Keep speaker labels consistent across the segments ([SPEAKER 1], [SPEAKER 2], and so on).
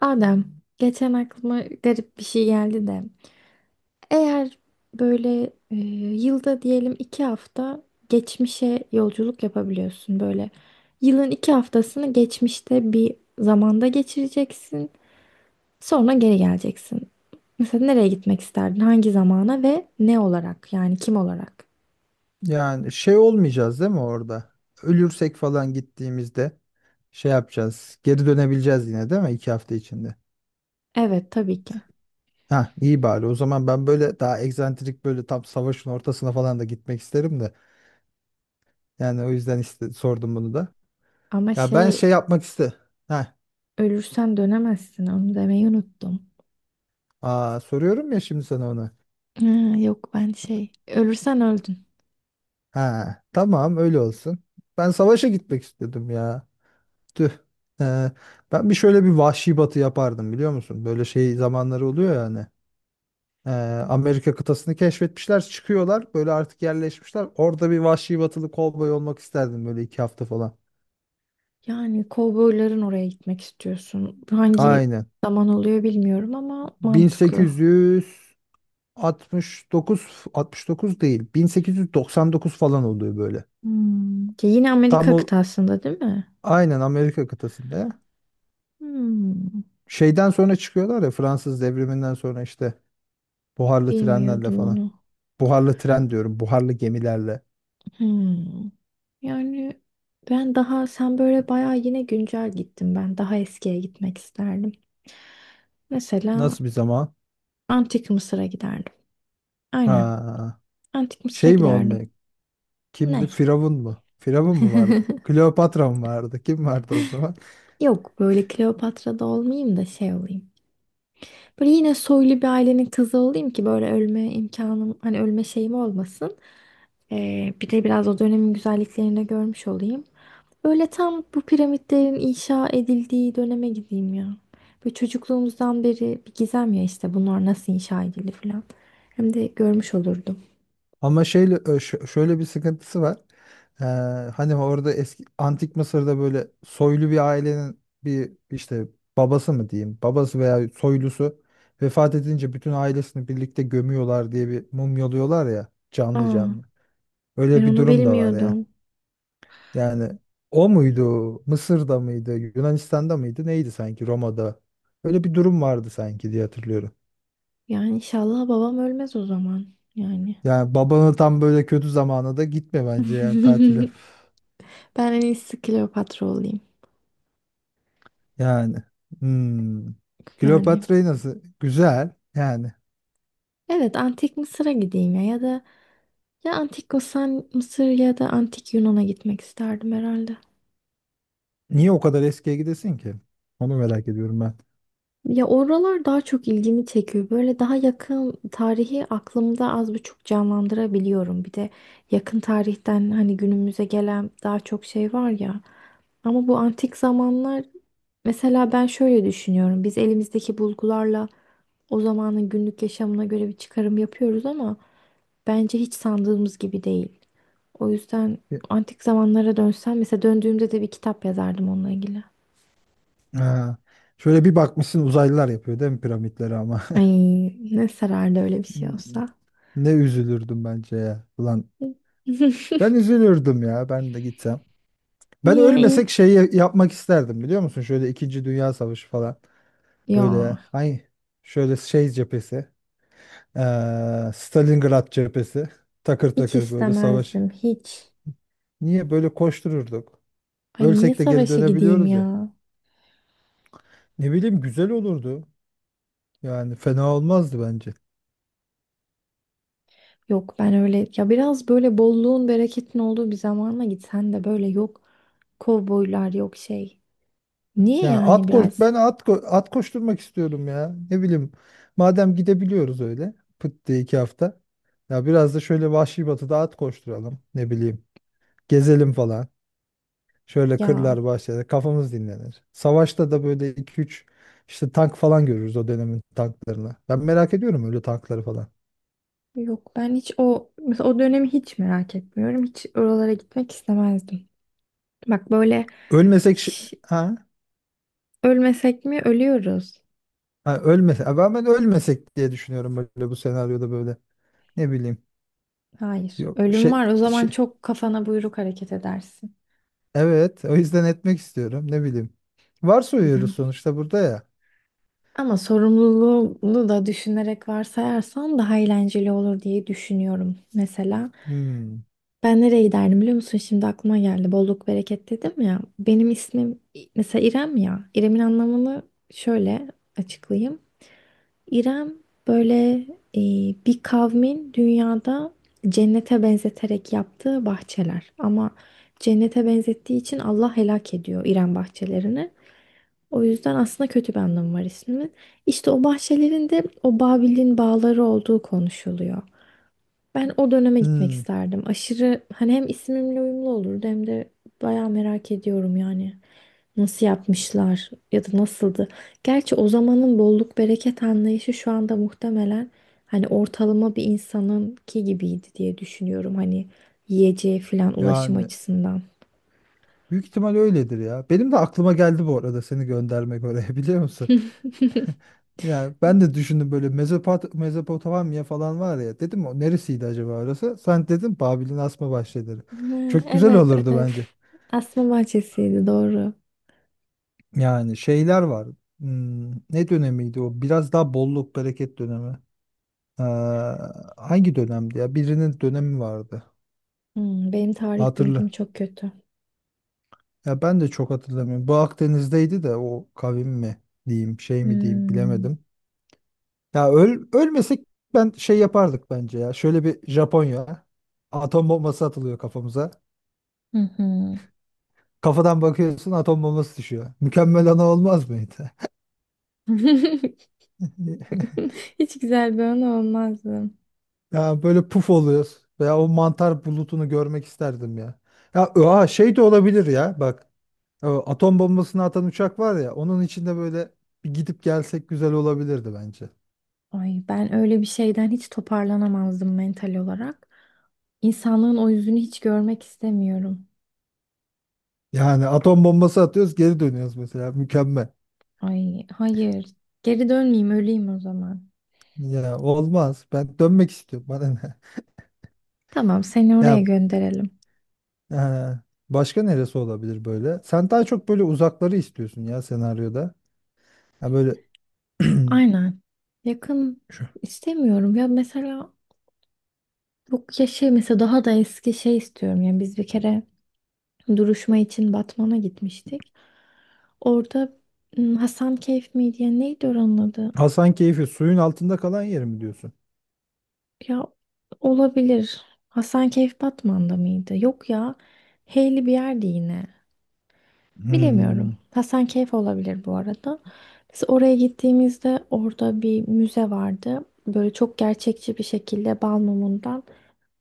[SPEAKER 1] Adem, geçen aklıma garip bir şey geldi de. Eğer böyle yılda diyelim iki hafta geçmişe yolculuk yapabiliyorsun böyle. Yılın iki haftasını geçmişte bir zamanda geçireceksin. Sonra geri geleceksin. Mesela nereye gitmek isterdin? Hangi zamana ve ne olarak? Yani kim olarak?
[SPEAKER 2] Yani şey olmayacağız değil mi orada? Ölürsek falan gittiğimizde şey yapacağız. Geri dönebileceğiz yine değil mi? İki hafta içinde.
[SPEAKER 1] Evet tabii ki.
[SPEAKER 2] Ha, iyi bari. O zaman ben böyle daha egzantrik, böyle tam savaşın ortasına falan da gitmek isterim de. Yani o yüzden sordum bunu da.
[SPEAKER 1] Ama
[SPEAKER 2] Ya ben
[SPEAKER 1] şey
[SPEAKER 2] şey yapmak iste. Ha,
[SPEAKER 1] ölürsen dönemezsin onu demeyi unuttum.
[SPEAKER 2] soruyorum ya şimdi sana onu.
[SPEAKER 1] Ha, yok ben şey ölürsen öldün.
[SPEAKER 2] Ha, tamam öyle olsun. Ben savaşa gitmek istedim ya. Tüh. Ee, Ben bir şöyle bir vahşi batı yapardım biliyor musun? Böyle şey zamanları oluyor yani. Ee, Amerika kıtasını keşfetmişler, çıkıyorlar. Böyle artık yerleşmişler. Orada bir vahşi batılı kovboy olmak isterdim, böyle iki hafta falan.
[SPEAKER 1] Yani kovboyların oraya gitmek istiyorsun. Hangi
[SPEAKER 2] Aynen.
[SPEAKER 1] zaman oluyor bilmiyorum ama mantıklı.
[SPEAKER 2] 1869, 69 değil, 1899 falan oluyor böyle.
[SPEAKER 1] Hmm. Ki yine
[SPEAKER 2] Tam
[SPEAKER 1] Amerika
[SPEAKER 2] o,
[SPEAKER 1] kıtasında değil mi?
[SPEAKER 2] aynen Amerika kıtasında ya.
[SPEAKER 1] Hmm.
[SPEAKER 2] Şeyden sonra çıkıyorlar ya, Fransız devriminden sonra işte buharlı trenlerle
[SPEAKER 1] Bilmiyordum
[SPEAKER 2] falan.
[SPEAKER 1] onu.
[SPEAKER 2] Buharlı tren diyorum, buharlı gemilerle.
[SPEAKER 1] Hmm. Yani ben daha sen böyle bayağı yine güncel gittin. Ben daha eskiye gitmek isterdim. Mesela
[SPEAKER 2] Nasıl bir zaman?
[SPEAKER 1] Antik Mısır'a giderdim. Aynen.
[SPEAKER 2] Ha.
[SPEAKER 1] Antik Mısır'a
[SPEAKER 2] Şey mi
[SPEAKER 1] giderdim.
[SPEAKER 2] olmaya? Kimdi?
[SPEAKER 1] Ne?
[SPEAKER 2] Firavun mu? Firavun mu vardı? Kleopatra mı vardı? Kim vardı o zaman?
[SPEAKER 1] Yok böyle Kleopatra'da olmayayım da şey olayım. Böyle yine soylu bir ailenin kızı olayım ki böyle ölme imkanım hani ölme şeyim olmasın. Bir de biraz o dönemin güzelliklerini de görmüş olayım. Böyle tam bu piramitlerin inşa edildiği döneme gideyim ya. Böyle çocukluğumuzdan beri bir gizem ya işte bunlar nasıl inşa edildi falan. Hem de görmüş olurdum.
[SPEAKER 2] Ama şeyle şöyle bir sıkıntısı var. Ee, Hani orada eski antik Mısır'da böyle soylu bir ailenin bir işte babası mı diyeyim? Babası veya soylusu vefat edince bütün ailesini birlikte gömüyorlar diye, bir mumyalıyorlar ya canlı
[SPEAKER 1] Aa,
[SPEAKER 2] canlı.
[SPEAKER 1] ben
[SPEAKER 2] Öyle bir
[SPEAKER 1] onu
[SPEAKER 2] durum da var ya.
[SPEAKER 1] bilmiyordum.
[SPEAKER 2] Yani o muydu? Mısır'da mıydı? Yunanistan'da mıydı? Neydi, sanki Roma'da? Öyle bir durum vardı sanki diye hatırlıyorum.
[SPEAKER 1] Yani inşallah babam ölmez o zaman. Yani.
[SPEAKER 2] Yani babanın tam böyle kötü zamanı da gitme bence yani tatile.
[SPEAKER 1] Ben en iyisi Kleopatra olayım.
[SPEAKER 2] Yani. Hmm.
[SPEAKER 1] Yani.
[SPEAKER 2] Kleopatra'yı nasıl? Güzel. Yani.
[SPEAKER 1] Evet, Antik Mısır'a gideyim ya ya da ya antik Mısır ya da antik Yunan'a gitmek isterdim herhalde.
[SPEAKER 2] Niye o kadar eskiye gidesin ki? Onu merak ediyorum ben.
[SPEAKER 1] Ya oralar daha çok ilgimi çekiyor. Böyle daha yakın tarihi aklımda az buçuk canlandırabiliyorum. Bir de yakın tarihten hani günümüze gelen daha çok şey var ya. Ama bu antik zamanlar mesela ben şöyle düşünüyorum. Biz elimizdeki bulgularla o zamanın günlük yaşamına göre bir çıkarım yapıyoruz ama bence hiç sandığımız gibi değil. O yüzden
[SPEAKER 2] Bir-
[SPEAKER 1] antik zamanlara dönsem mesela döndüğümde de bir kitap yazardım onunla ilgili.
[SPEAKER 2] Ha. Şöyle bir bakmışsın uzaylılar yapıyor değil mi piramitleri ama.
[SPEAKER 1] Ay ne sarardı öyle bir şey olsa.
[SPEAKER 2] Ne üzülürdüm bence ya. Ulan ben üzülürdüm ya, ben de gitsem. Ben
[SPEAKER 1] Niye iyi?
[SPEAKER 2] ölmesek şeyi yapmak isterdim biliyor musun? Şöyle İkinci Dünya Savaşı falan. Böyle
[SPEAKER 1] Ya
[SPEAKER 2] ay, şöyle şey cephesi. Stalingrad cephesi. Takır
[SPEAKER 1] hiç
[SPEAKER 2] takır böyle savaş.
[SPEAKER 1] istemezdim hiç.
[SPEAKER 2] Niye böyle koştururduk?
[SPEAKER 1] Ay niye
[SPEAKER 2] Ölsek de geri
[SPEAKER 1] savaşa gideyim
[SPEAKER 2] dönebiliyoruz ya.
[SPEAKER 1] ya?
[SPEAKER 2] Ne bileyim, güzel olurdu. Yani fena olmazdı bence.
[SPEAKER 1] Yok ben öyle ya biraz böyle bolluğun bereketin olduğu bir zamana gitsen de böyle yok kovboylar yok şey. Niye
[SPEAKER 2] Yani
[SPEAKER 1] yani
[SPEAKER 2] at koş
[SPEAKER 1] biraz?
[SPEAKER 2] ben at koşturmak istiyorum ya. Ne bileyim. Madem gidebiliyoruz öyle. Pıt diye iki hafta. Ya biraz da şöyle Vahşi Batı'da at koşturalım. Ne bileyim. Gezelim falan. Şöyle
[SPEAKER 1] Ya
[SPEAKER 2] kırlar, bahçede kafamız dinlenir. Savaşta da böyle iki üç işte tank falan görürüz, o dönemin tanklarını. Ben merak ediyorum öyle tankları falan.
[SPEAKER 1] yok ben hiç o mesela o dönemi hiç merak etmiyorum. Hiç oralara gitmek istemezdim. Bak böyle
[SPEAKER 2] Ölmesek ha?
[SPEAKER 1] ölmesek mi? Ölüyoruz.
[SPEAKER 2] Ha, ölmesek. Ben ölmesek diye düşünüyorum böyle bu senaryoda böyle. Ne bileyim.
[SPEAKER 1] Hayır.
[SPEAKER 2] Yok
[SPEAKER 1] Ölüm
[SPEAKER 2] şey,
[SPEAKER 1] var. O zaman
[SPEAKER 2] şey,
[SPEAKER 1] çok kafana buyruk hareket edersin.
[SPEAKER 2] evet o yüzden etmek istiyorum, ne bileyim. Varsayıyoruz
[SPEAKER 1] Biraz.
[SPEAKER 2] sonuçta burada ya.
[SPEAKER 1] Ama sorumluluğunu da düşünerek varsayarsan daha eğlenceli olur diye düşünüyorum. Mesela
[SPEAKER 2] Hmm,
[SPEAKER 1] ben nereye giderdim biliyor musun? Şimdi aklıma geldi. Bolluk bereket dedim ya. Benim ismim mesela İrem ya. İrem'in anlamını şöyle açıklayayım. İrem böyle e, bir kavmin dünyada cennete benzeterek yaptığı bahçeler. Ama cennete benzettiği için Allah helak ediyor İrem bahçelerini. O yüzden aslında kötü bir anlamı var ismin. İşte o bahçelerin de o Babil'in bağları olduğu konuşuluyor. Ben o döneme gitmek
[SPEAKER 2] hmm.
[SPEAKER 1] isterdim. Aşırı hani hem ismimle uyumlu olurdu hem de bayağı merak ediyorum yani. Nasıl yapmışlar ya da nasıldı? Gerçi o zamanın bolluk bereket anlayışı şu anda muhtemelen hani ortalama bir insanınki gibiydi diye düşünüyorum. Hani yiyeceği falan ulaşım
[SPEAKER 2] Yani
[SPEAKER 1] açısından.
[SPEAKER 2] büyük ihtimal öyledir ya. Benim de aklıma geldi bu arada seni göndermek oraya. Biliyor musun? Yani ben de düşündüm böyle Mezopotamya falan var ya, dedim o neresiydi acaba orası? Sen dedin Babil'in asma bahçeleri.
[SPEAKER 1] Ha,
[SPEAKER 2] Çok güzel
[SPEAKER 1] evet,
[SPEAKER 2] olurdu
[SPEAKER 1] evet.
[SPEAKER 2] bence.
[SPEAKER 1] Asma bahçesiydi doğru.
[SPEAKER 2] Yani şeyler var. Hmm, ne dönemiydi o? Biraz daha bolluk bereket dönemi. Ee, Hangi dönemdi ya? Birinin dönemi vardı.
[SPEAKER 1] Hmm, benim tarih bilgim
[SPEAKER 2] Hatırlı.
[SPEAKER 1] çok kötü.
[SPEAKER 2] Ya ben de çok hatırlamıyorum. Bu Akdeniz'deydi de, o kavim mi diyeyim, şey mi diyeyim,
[SPEAKER 1] Hmm.
[SPEAKER 2] bilemedim. Ya ölmesek ben şey yapardık bence ya. Şöyle bir Japonya. Atom bombası atılıyor kafamıza.
[SPEAKER 1] Hı hı.
[SPEAKER 2] Kafadan bakıyorsun, atom bombası düşüyor. Mükemmel ana olmaz mıydı?
[SPEAKER 1] Hiç güzel bir anı olmazdı.
[SPEAKER 2] Ya böyle puf oluyoruz. Veya o mantar bulutunu görmek isterdim ya. Ya şey de olabilir ya bak. O atom bombasını atan uçak var ya, onun içinde böyle bir gidip gelsek güzel olabilirdi bence.
[SPEAKER 1] Ay ben öyle bir şeyden hiç toparlanamazdım mental olarak. İnsanlığın o yüzünü hiç görmek istemiyorum.
[SPEAKER 2] Yani atom bombası atıyoruz, geri dönüyoruz mesela, mükemmel.
[SPEAKER 1] Ay hayır. Geri dönmeyeyim öleyim o zaman.
[SPEAKER 2] Ya olmaz. Ben dönmek istiyorum. Bana ne?
[SPEAKER 1] Tamam seni oraya
[SPEAKER 2] Ya,
[SPEAKER 1] gönderelim.
[SPEAKER 2] Ee, başka neresi olabilir böyle? Sen daha çok böyle uzakları istiyorsun ya senaryoda. Ha böyle
[SPEAKER 1] Aynen. Yakın
[SPEAKER 2] şu
[SPEAKER 1] istemiyorum ya mesela yok ya şey mesela daha da eski şey istiyorum. Yani biz bir kere duruşma için Batman'a gitmiştik. Orada Hasan Keyf miydi ya neydi oranın adı?
[SPEAKER 2] Hasankeyf'i, suyun altında kalan yer mi diyorsun?
[SPEAKER 1] Ya olabilir. Hasankeyf Batman'da mıydı? Yok ya. Heyli bir yerdi yine. Bilemiyorum.
[SPEAKER 2] Hmm,
[SPEAKER 1] Hasankeyf olabilir bu arada. Biz oraya gittiğimizde orada bir müze vardı. Böyle çok gerçekçi bir şekilde bal mumundan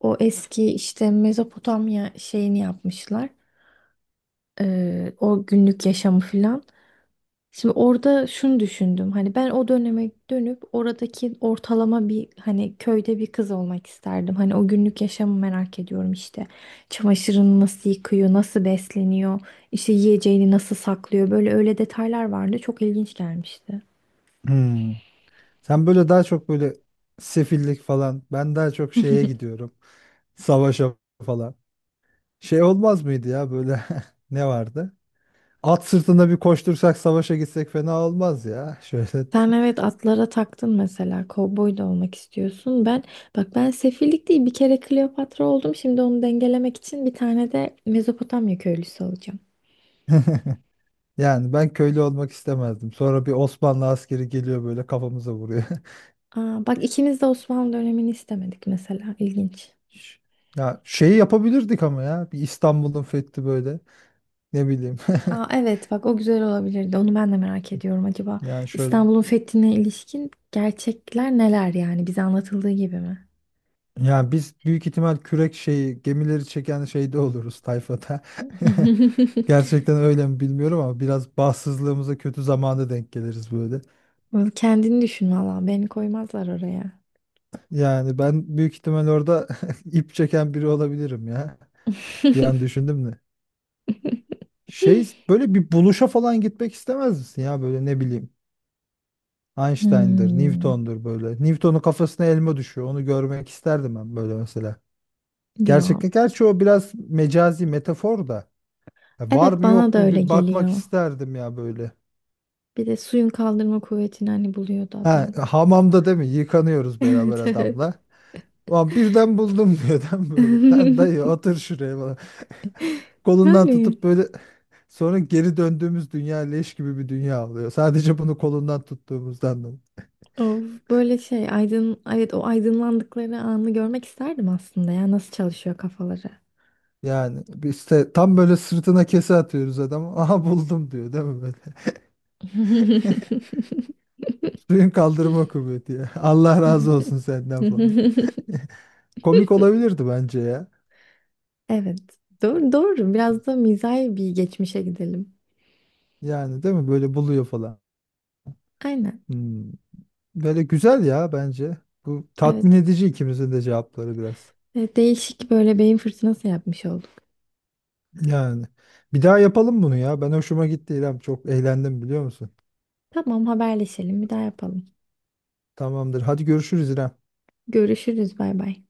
[SPEAKER 1] o eski işte Mezopotamya şeyini yapmışlar. O günlük yaşamı filan. Şimdi orada şunu düşündüm. Hani ben o döneme dönüp oradaki ortalama bir hani köyde bir kız olmak isterdim. Hani o günlük yaşamı merak ediyorum işte. Çamaşırını nasıl yıkıyor, nasıl besleniyor, işte yiyeceğini nasıl saklıyor. Böyle öyle detaylar vardı. Çok ilginç gelmişti.
[SPEAKER 2] hmm. Sen böyle daha çok böyle sefillik falan. Ben daha çok şeye gidiyorum. Savaşa falan. Şey olmaz mıydı ya böyle, ne vardı? At sırtında bir koştursak, savaşa gitsek fena olmaz ya. Şöyle
[SPEAKER 1] Sen evet atlara taktın mesela. Kovboy da olmak istiyorsun. Ben bak ben sefillik değil bir kere Kleopatra oldum. Şimdi onu dengelemek için bir tane de Mezopotamya köylüsü olacağım.
[SPEAKER 2] yani ben köylü olmak istemezdim. Sonra bir Osmanlı askeri geliyor böyle, kafamıza vuruyor.
[SPEAKER 1] Aa, bak ikimiz de Osmanlı dönemini istemedik mesela. İlginç.
[SPEAKER 2] Ş- Ya şeyi yapabilirdik ama, ya bir İstanbul'un fethi böyle, ne bileyim.
[SPEAKER 1] Aa, evet bak o güzel olabilirdi. Onu ben de merak ediyorum. Acaba
[SPEAKER 2] Yani şöyle,
[SPEAKER 1] İstanbul'un fethine ilişkin gerçekler neler yani? Bize anlatıldığı gibi mi?
[SPEAKER 2] yani biz büyük ihtimal kürek şeyi, gemileri çeken şeyde oluruz, tayfada. Gerçekten öyle mi bilmiyorum ama biraz bahtsızlığımıza kötü zamanda denk geliriz böyle.
[SPEAKER 1] Vallahi kendini düşün valla. Beni koymazlar oraya.
[SPEAKER 2] Yani ben büyük ihtimal orada ip çeken biri olabilirim ya. Bir an düşündüm de, şey böyle bir buluşa falan gitmek istemez misin ya, böyle ne bileyim, Einstein'dır,
[SPEAKER 1] Hmm,
[SPEAKER 2] Newton'dur böyle. Newton'un kafasına elma düşüyor. Onu görmek isterdim ben böyle mesela.
[SPEAKER 1] ya
[SPEAKER 2] Gerçekten, gerçi o biraz mecazi, metafor da. Ya var
[SPEAKER 1] evet
[SPEAKER 2] mı
[SPEAKER 1] bana
[SPEAKER 2] yok
[SPEAKER 1] da
[SPEAKER 2] mu,
[SPEAKER 1] öyle
[SPEAKER 2] bir bakmak
[SPEAKER 1] geliyor.
[SPEAKER 2] isterdim ya böyle.
[SPEAKER 1] Bir de suyun kaldırma kuvvetini hani buluyordu
[SPEAKER 2] Ha,
[SPEAKER 1] adam.
[SPEAKER 2] hamamda değil mi? Yıkanıyoruz beraber
[SPEAKER 1] Evet evet.
[SPEAKER 2] adamla. Ulan birden buldum diyor adam böyle. Lan dayı otur şuraya falan. Kolundan
[SPEAKER 1] Yani.
[SPEAKER 2] tutup böyle sonra geri döndüğümüz dünya leş gibi bir dünya oluyor. Sadece bunu kolundan tuttuğumuzdan.
[SPEAKER 1] Of, böyle şey aydın evet o aydınlandıkları anı görmek isterdim aslında ya nasıl çalışıyor kafaları.
[SPEAKER 2] Yani biz işte tam böyle sırtına kese atıyoruz adamı. Aha buldum diyor değil mi böyle? Suyun kaldırma kuvveti ya. Allah razı olsun senden falan. Komik olabilirdi bence ya.
[SPEAKER 1] Evet, doğru doğru biraz da mizahi bir geçmişe gidelim.
[SPEAKER 2] Yani değil mi, böyle buluyor falan.
[SPEAKER 1] Aynen,
[SPEAKER 2] Hmm. Böyle güzel ya bence. Bu tatmin
[SPEAKER 1] evet.
[SPEAKER 2] edici, ikimizin de cevapları biraz.
[SPEAKER 1] Değişik böyle beyin fırtınası yapmış olduk.
[SPEAKER 2] Yani bir daha yapalım bunu ya. Ben hoşuma gitti İrem. Çok eğlendim biliyor musun?
[SPEAKER 1] Tamam haberleşelim bir daha yapalım.
[SPEAKER 2] Tamamdır. Hadi görüşürüz İrem.
[SPEAKER 1] Görüşürüz bay bay.